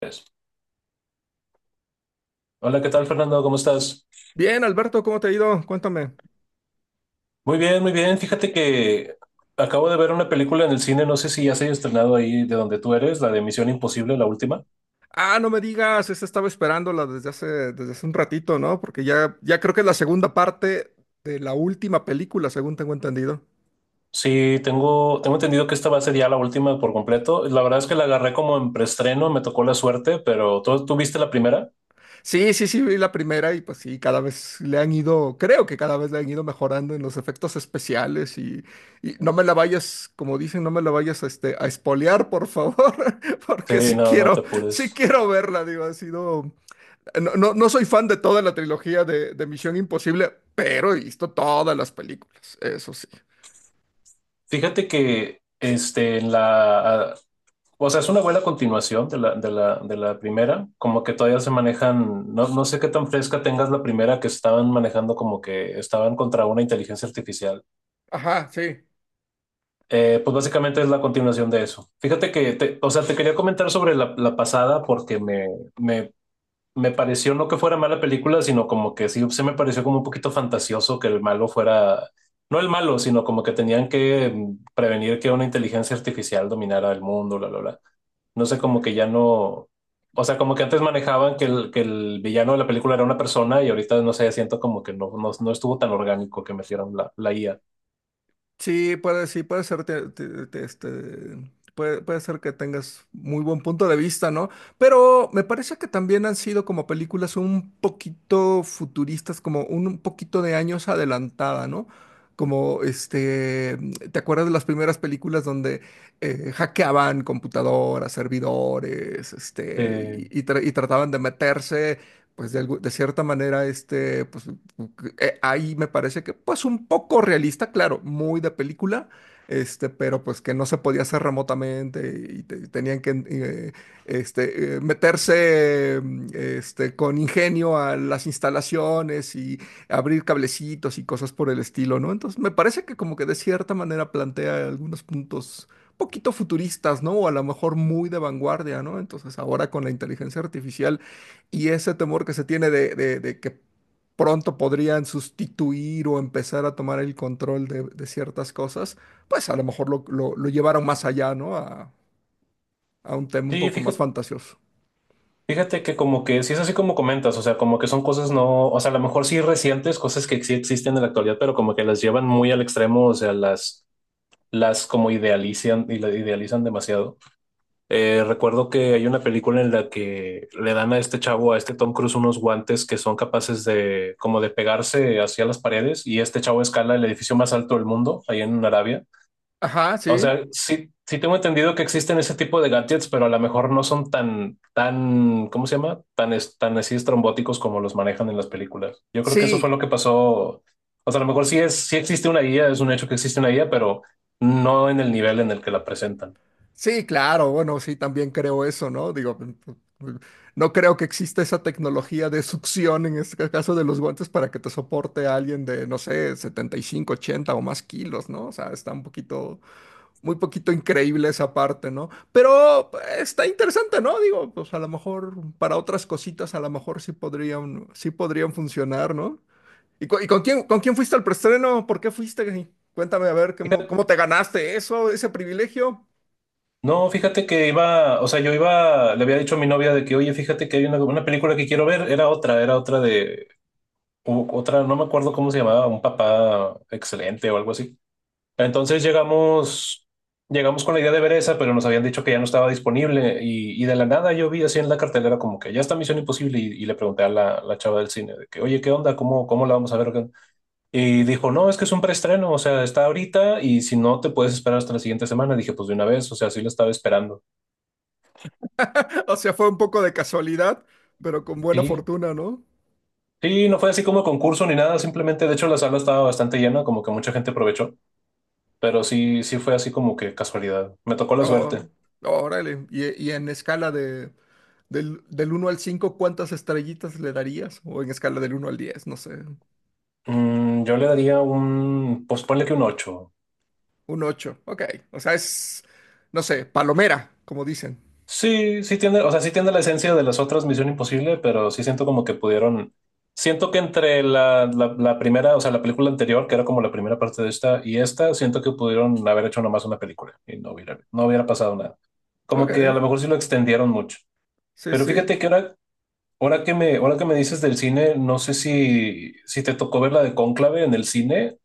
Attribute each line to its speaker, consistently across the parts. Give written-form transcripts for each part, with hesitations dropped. Speaker 1: Pues, Hola, ¿qué tal, Fernando? ¿Cómo estás?
Speaker 2: Bien, Alberto, ¿cómo te ha ido? Cuéntame.
Speaker 1: Muy bien, muy bien. Fíjate que acabo de ver una película en el cine, no sé si ya se ha estrenado ahí de donde tú eres, la de Misión Imposible, la última.
Speaker 2: Ah, no me digas, esta estaba esperándola desde hace un ratito, ¿no? Porque ya creo que es la segunda parte de la última película, según tengo entendido.
Speaker 1: Sí, tengo entendido que esta va a ser ya la última por completo. La verdad es que la agarré como en preestreno, me tocó la suerte, pero ¿tú viste la primera?
Speaker 2: Sí, sí, sí, vi la primera y pues sí, cada vez le han ido, creo que cada vez le han ido mejorando en los efectos especiales y no me la vayas, como dicen, no me la vayas a espolear, por favor.
Speaker 1: Sí,
Speaker 2: Porque sí
Speaker 1: no, no te
Speaker 2: quiero,
Speaker 1: apures.
Speaker 2: sí quiero verla, digo, ha sido. No, no, no soy fan de toda la trilogía de Misión Imposible, pero he visto todas las películas, eso sí.
Speaker 1: Fíjate que este, en la, O sea, es una buena continuación de la primera, como que todavía se manejan, no, no sé qué tan fresca tengas la primera que estaban manejando como que estaban contra una inteligencia artificial.
Speaker 2: Ajá, sí.
Speaker 1: Pues básicamente es la continuación de eso. Fíjate que, o sea, te quería comentar sobre la pasada porque me me pareció no que fuera mala película, sino como que sí se me pareció como un poquito fantasioso que el malo fuera, no el malo, sino como que tenían que prevenir que una inteligencia artificial dominara el mundo, bla, bla, bla. No sé, como que ya no, o sea, como que antes manejaban que el villano de la película era una persona y ahorita no sé, siento como que no, no, no estuvo tan orgánico que metieran la IA.
Speaker 2: Sí, puede ser, puede ser que tengas muy buen punto de vista, ¿no? Pero me parece que también han sido como películas un poquito futuristas, como un poquito de años adelantada, ¿no? Como, ¿te acuerdas de las primeras películas donde hackeaban computadoras, servidores,
Speaker 1: Eh,
Speaker 2: y trataban de meterse, pues, de cierta manera, pues, ahí me parece que, pues, un poco realista, claro, muy de película, pero pues que no se podía hacer remotamente y tenían que, meterse, con ingenio a las instalaciones y abrir cablecitos y cosas por el estilo, ¿no? Entonces, me parece que como que de cierta manera plantea algunos puntos poquito futuristas, ¿no? O a lo mejor muy de vanguardia, ¿no? Entonces, ahora con la inteligencia artificial y ese temor que se tiene de que pronto podrían sustituir o empezar a tomar el control de ciertas cosas, pues a lo mejor lo llevaron más allá, ¿no? A un tema un
Speaker 1: sí,
Speaker 2: poco más
Speaker 1: fíjate,
Speaker 2: fantasioso.
Speaker 1: Fíjate que como que sí es así como comentas, o sea, como que son cosas no, o sea, a lo mejor sí recientes, cosas que sí existen en la actualidad, pero como que las llevan muy al extremo, o sea, las como idealizan y la idealizan demasiado. Recuerdo que hay una película en la que le dan a este chavo, a este Tom Cruise, unos guantes que son capaces de como de pegarse hacia las paredes y este chavo escala el edificio más alto del mundo, ahí en Arabia.
Speaker 2: Ajá,
Speaker 1: O
Speaker 2: sí,
Speaker 1: sea, sí, sí tengo entendido que existen ese tipo de gadgets, pero a lo mejor no son tan, ¿cómo se llama? Tan, tan así estrambóticos como los manejan en las películas. Yo creo que eso fue
Speaker 2: sí,
Speaker 1: lo que pasó. O sea, a lo mejor sí es, sí existe una guía, es un hecho que existe una guía, pero no en el nivel en el que la presentan.
Speaker 2: sí, claro, bueno, sí, también creo eso, ¿no? Digo, no creo que exista esa tecnología de succión en este caso de los guantes para que te soporte a alguien de, no sé, 75, 80 o más kilos, ¿no? O sea, está un poquito muy poquito increíble esa parte, ¿no? Pero pues, está interesante, ¿no? Digo, pues a lo mejor para otras cositas, a lo mejor sí podrían funcionar, ¿no? ¿Y con quién fuiste al preestreno? ¿Por qué fuiste? Cuéntame, a ver, ¿cómo,
Speaker 1: Fíjate-
Speaker 2: cómo te ganaste eso, ese privilegio?
Speaker 1: No, fíjate que iba, o sea, yo iba, le había dicho a mi novia de que, oye, fíjate que hay una película que quiero ver, era otra de, otra, no me acuerdo cómo se llamaba, un papá excelente o algo así. Entonces llegamos, Llegamos con la idea de ver esa, pero nos habían dicho que ya no estaba disponible y de la nada yo vi así en la cartelera como que ya está Misión Imposible y le pregunté a la chava del cine de que, oye, ¿qué onda? ¿Cómo, cómo la vamos a ver? Y dijo, no, es que es un preestreno, o sea, está ahorita y si no te puedes esperar hasta la siguiente semana. Dije, pues de una vez, o sea, sí la estaba esperando.
Speaker 2: O sea, fue un poco de casualidad, pero con buena
Speaker 1: Y
Speaker 2: fortuna, ¿no?
Speaker 1: sí, no fue así como concurso ni nada, simplemente, de hecho, la sala estaba bastante llena, como que mucha gente aprovechó, pero sí, sí fue así como que casualidad. Me tocó la
Speaker 2: Oh,
Speaker 1: suerte.
Speaker 2: órale. Y en escala del 1 al cinco, ¿cuántas estrellitas le darías? O en escala del 1 al 10, no sé.
Speaker 1: Yo le daría un, pues ponle que un ocho.
Speaker 2: Un 8, ok. O sea, es, no sé, palomera, como dicen.
Speaker 1: Sí, sí tiene, o sea, sí tiene la esencia de las otras Misión Imposible, pero sí siento como que pudieron, siento que entre la primera, o sea, la película anterior, que era como la primera parte de esta, y esta, siento que pudieron haber hecho nomás una película y no hubiera, no hubiera pasado nada. Como que a
Speaker 2: Ok,
Speaker 1: lo mejor sí lo extendieron mucho.
Speaker 2: sí,
Speaker 1: Pero
Speaker 2: sí.
Speaker 1: fíjate que ahora, ahora que me dices del cine, no sé si, si te tocó ver la de Cónclave en el cine,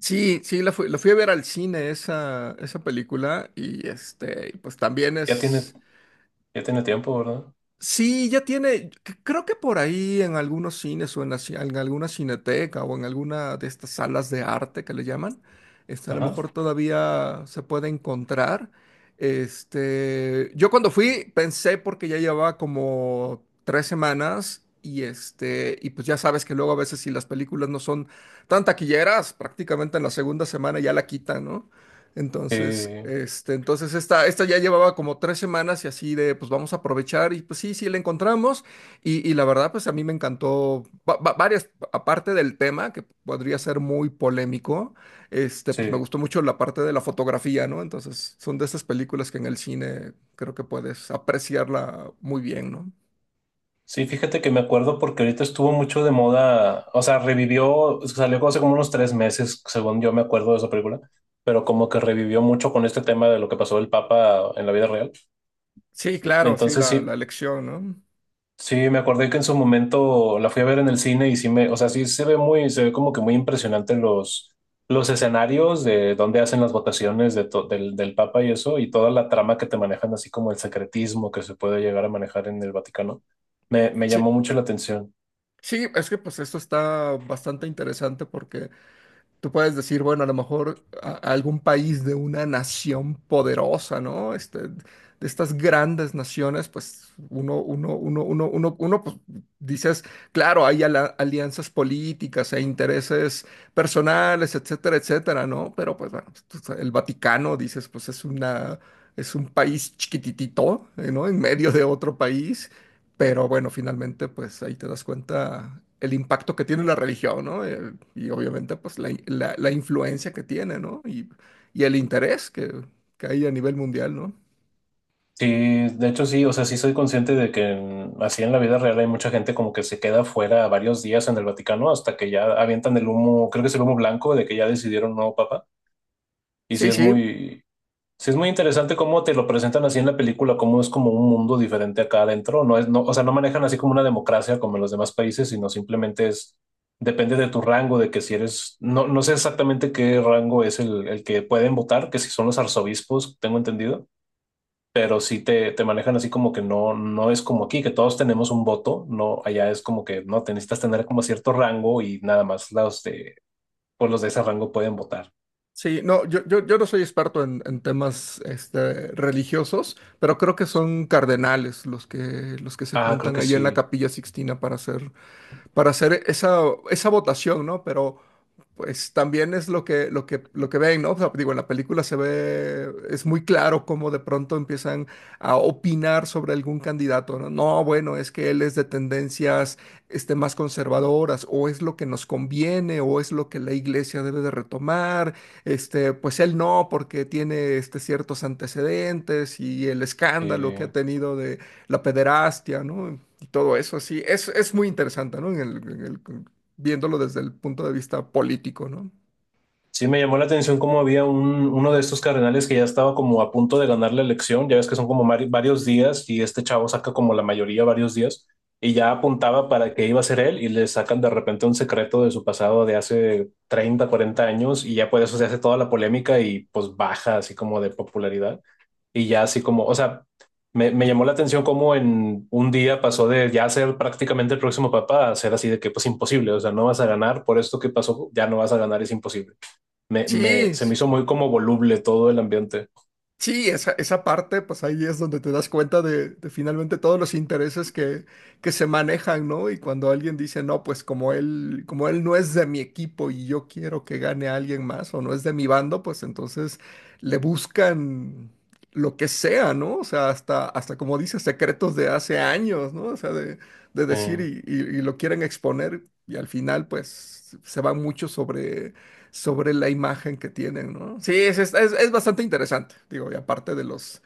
Speaker 2: Sí, sí, la fui a ver al cine esa película y pues también
Speaker 1: ya tiene,
Speaker 2: es.
Speaker 1: ya tiene tiempo, ¿verdad?
Speaker 2: Sí, creo que por ahí en algunos cines o en alguna cineteca o en alguna de estas salas de arte que le llaman, a lo
Speaker 1: Ajá.
Speaker 2: mejor todavía se puede encontrar. Yo cuando fui pensé porque ya llevaba como 3 semanas y y pues ya sabes que luego a veces si las películas no son tan taquilleras, prácticamente en la segunda semana ya la quitan, ¿no? Entonces,
Speaker 1: Eh,
Speaker 2: este, entonces esta ya llevaba como 3 semanas y así de, pues vamos a aprovechar y pues sí, sí la encontramos. Y la verdad, pues a mí me encantó, varias, aparte del tema que podría ser muy polémico, pues me
Speaker 1: sí.
Speaker 2: gustó mucho la parte de la fotografía, ¿no? Entonces son de esas películas que en el cine creo que puedes apreciarla muy bien, ¿no?
Speaker 1: Sí, fíjate que me acuerdo porque ahorita estuvo mucho de moda, o sea, revivió, salió hace como unos tres meses, según yo me acuerdo de esa película, pero como que revivió mucho con este tema de lo que pasó el Papa en la vida real.
Speaker 2: Sí, claro, sí,
Speaker 1: Entonces
Speaker 2: la
Speaker 1: sí,
Speaker 2: elección, ¿no?
Speaker 1: sí, me acordé que en su momento la fui a ver en el cine y sí me, o sea, sí se ve muy, se ve como que muy impresionante los escenarios de donde hacen las votaciones de del, del Papa y eso, y toda la trama que te manejan, así como el secretismo que se puede llegar a manejar en el Vaticano. Me
Speaker 2: Sí,
Speaker 1: llamó mucho la atención.
Speaker 2: sí, es que pues esto está bastante interesante porque tú puedes decir, bueno, a lo mejor a algún país de una nación poderosa, ¿no? De estas grandes naciones, pues uno, uno, uno, uno, uno, uno, pues, dices, claro, hay alianzas políticas e intereses personales, etcétera, etcétera, ¿no? Pero pues bueno, pues, el Vaticano, dices, pues es un país chiquititito, ¿no? En medio de otro país. Pero bueno, finalmente, pues ahí te das cuenta el impacto que tiene la religión, ¿no? Y obviamente, pues la influencia que tiene, ¿no? Y el interés que hay a nivel mundial, ¿no?
Speaker 1: Sí, de hecho sí, o sea, sí soy consciente de que así en la vida real hay mucha gente como que se queda fuera varios días en el Vaticano hasta que ya avientan el humo, creo que es el humo blanco de que ya decidieron no papa. Y
Speaker 2: Sí, sí,
Speaker 1: sí es muy interesante cómo te lo presentan así en la película, cómo es como un mundo diferente acá adentro. No es, no, o sea, no manejan así como una democracia como en los demás países, sino simplemente es, depende de tu rango, de que si eres, no, no sé exactamente qué rango es el que pueden votar, que si son los arzobispos, tengo entendido pero sí te manejan así como que no, no es como aquí, que todos tenemos un voto, no, allá es como que no, te necesitas tener como cierto rango y nada más los de, pues los de ese rango pueden votar.
Speaker 2: sí. No, yo no soy experto en temas, religiosos, pero creo que son cardenales los que se
Speaker 1: Ah, creo
Speaker 2: juntan
Speaker 1: que
Speaker 2: ahí en la
Speaker 1: sí.
Speaker 2: Capilla Sixtina para hacer, esa, votación, ¿no? Pero pues también es lo que ven, ¿no? O sea, digo, en la película se ve, es muy claro cómo de pronto empiezan a opinar sobre algún candidato, ¿no? No, bueno, es que él es de tendencias, más conservadoras, o es lo que nos conviene, o es lo que la iglesia debe de retomar, pues él no, porque tiene, ciertos antecedentes y el escándalo
Speaker 1: Sí.
Speaker 2: que ha tenido de la pederastia, ¿no? Todo eso, sí, es muy interesante, ¿no? Viéndolo desde el punto de vista político, ¿no?
Speaker 1: Sí, me llamó la atención cómo había un, uno de estos cardenales que ya estaba como a punto de ganar la elección, ya ves que son como varios días y este chavo saca como la mayoría varios días y ya apuntaba para que iba a ser él y le sacan de repente un secreto de su pasado de hace 30, 40 años y ya por eso se hace toda la polémica y pues baja así como de popularidad y ya así como, o sea, me llamó la atención cómo en un día pasó de ya ser prácticamente el próximo papa a ser así de que pues imposible, o sea, no vas a ganar por esto que pasó, ya no vas a ganar, es imposible. Me,
Speaker 2: Sí,
Speaker 1: se me hizo muy como voluble todo el ambiente
Speaker 2: sí, esa parte, pues ahí es donde te das cuenta de finalmente todos los intereses que se manejan, ¿no? Y cuando alguien dice, no, pues como él no es de mi equipo y yo quiero que gane a alguien más o no es de mi bando, pues entonces le buscan lo que sea, ¿no? O sea, hasta como dices, secretos de hace años, ¿no? O sea, de decir
Speaker 1: eh,
Speaker 2: y, y lo quieren exponer y al final, pues se va mucho sobre la imagen que tienen, ¿no? Sí, es bastante interesante, digo, y aparte de los,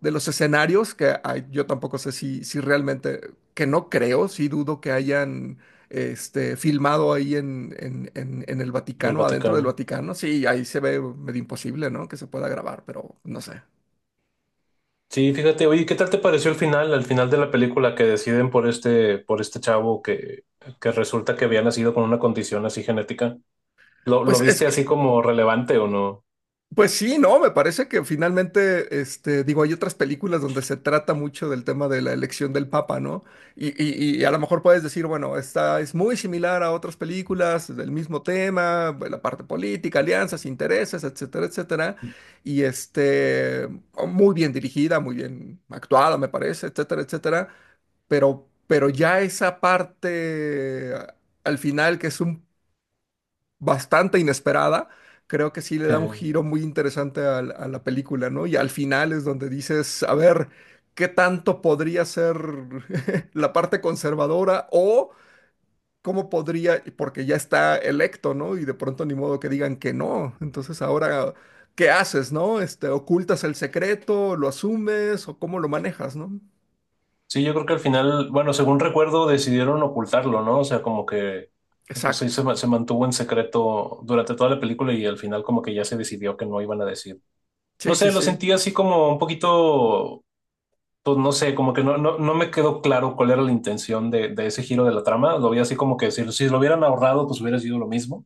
Speaker 2: escenarios, que yo tampoco sé si realmente, que no creo, sí dudo que hayan, filmado ahí en el
Speaker 1: en el
Speaker 2: Vaticano, adentro del
Speaker 1: Vaticano.
Speaker 2: Vaticano, sí, ahí se ve medio imposible, ¿no? Que se pueda grabar, pero no sé.
Speaker 1: Sí, fíjate, oye, ¿qué tal te pareció el final, al final de la película que deciden por este chavo que resulta que había nacido con una condición así genética? Lo
Speaker 2: Pues es
Speaker 1: viste así
Speaker 2: que
Speaker 1: como relevante o no?
Speaker 2: Pues sí, no, me parece que finalmente, digo, hay otras películas donde se trata mucho del tema de la elección del Papa, ¿no? Y a lo mejor puedes decir, bueno, esta es muy similar a otras películas del mismo tema, la parte política, alianzas, intereses, etcétera, etcétera. Y muy bien dirigida, muy bien actuada, me parece, etcétera, etcétera. Pero ya esa parte al final que es un bastante inesperada, creo que sí le da un
Speaker 1: Eh,
Speaker 2: giro muy interesante a la película, ¿no? Y al final es donde dices, a ver, ¿qué tanto podría ser la parte conservadora o cómo podría, porque ya está electo, ¿no? Y de pronto ni modo que digan que no. Entonces ahora, ¿qué haces, no? ¿Ocultas el secreto, lo asumes o cómo lo manejas, no?
Speaker 1: sí, yo creo que al final, bueno, según recuerdo, decidieron ocultarlo, ¿no? O sea, como que pues, sí, se,
Speaker 2: Exacto.
Speaker 1: se mantuvo en secreto durante toda la película y al final como que ya se decidió que no iban a decir. No
Speaker 2: Sí, sí,
Speaker 1: sé, lo
Speaker 2: sí.
Speaker 1: sentí así como un poquito pues no sé, como que no, no, no me quedó claro cuál era la intención de ese giro de la trama. Lo vi así como que si, si lo hubieran ahorrado, pues hubiera sido lo mismo.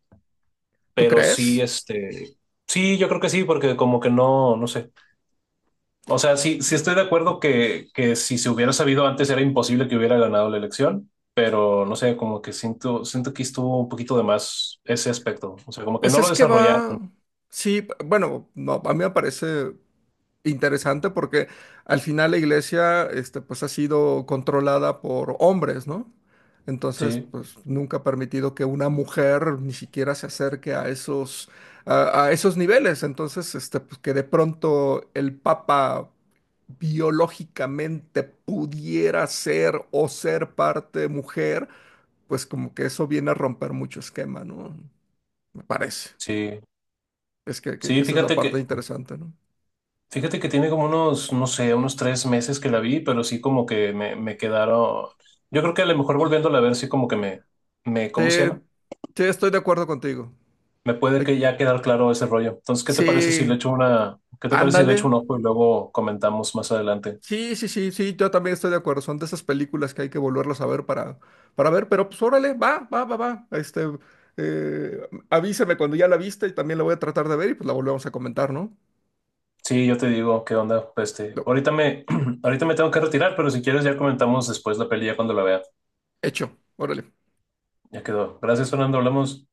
Speaker 2: ¿Tú
Speaker 1: Pero sí,
Speaker 2: crees?
Speaker 1: este, sí, yo creo que sí, porque como que no, no sé. O sea, sí, sí
Speaker 2: Sí.
Speaker 1: estoy de acuerdo que si se hubiera sabido antes era imposible que hubiera ganado la elección, pero no sé, como que siento, siento que estuvo un poquito de más ese aspecto. O sea, como que no
Speaker 2: Pues
Speaker 1: lo
Speaker 2: es que
Speaker 1: desarrollaron.
Speaker 2: va, sí, bueno, no, a mí me parece interesante porque al final la iglesia, pues ha sido controlada por hombres, ¿no? Entonces,
Speaker 1: Sí,
Speaker 2: pues nunca ha permitido que una mujer ni siquiera se acerque a esos, a esos niveles. Entonces, pues que de pronto el papa biológicamente pudiera ser o ser parte mujer, pues como que eso viene a romper mucho esquema, ¿no? Me parece.
Speaker 1: sí.
Speaker 2: Es que, que
Speaker 1: Sí,
Speaker 2: que esa es la
Speaker 1: fíjate
Speaker 2: parte
Speaker 1: que
Speaker 2: interesante, ¿no?
Speaker 1: Fíjate que tiene como unos, no sé, unos tres meses que la vi, pero sí como que me quedaron. Yo creo que a lo mejor volviéndola a ver, sí como que me,
Speaker 2: Sí,
Speaker 1: ¿cómo se llama?
Speaker 2: sí, estoy de acuerdo contigo.
Speaker 1: Me puede
Speaker 2: Ay,
Speaker 1: que ya quedar claro ese rollo. Entonces, ¿qué te parece si le
Speaker 2: sí,
Speaker 1: echo una, qué te parece si le echo
Speaker 2: ándale.
Speaker 1: un ojo y luego comentamos más adelante?
Speaker 2: Sí, sí, sí, sí, yo también estoy de acuerdo. Son de esas películas que hay que volverlas a ver para ver, pero pues órale, va, va, va, va. Avísame cuando ya la viste y también la voy a tratar de ver y pues la volvemos a comentar, ¿no?
Speaker 1: Sí, yo te digo, ¿qué onda? Pues,
Speaker 2: Lo-
Speaker 1: ahorita me tengo que retirar, pero si quieres ya comentamos después la peli ya cuando la vea.
Speaker 2: Hecho, órale.
Speaker 1: Ya quedó. Gracias, Fernando, hablamos.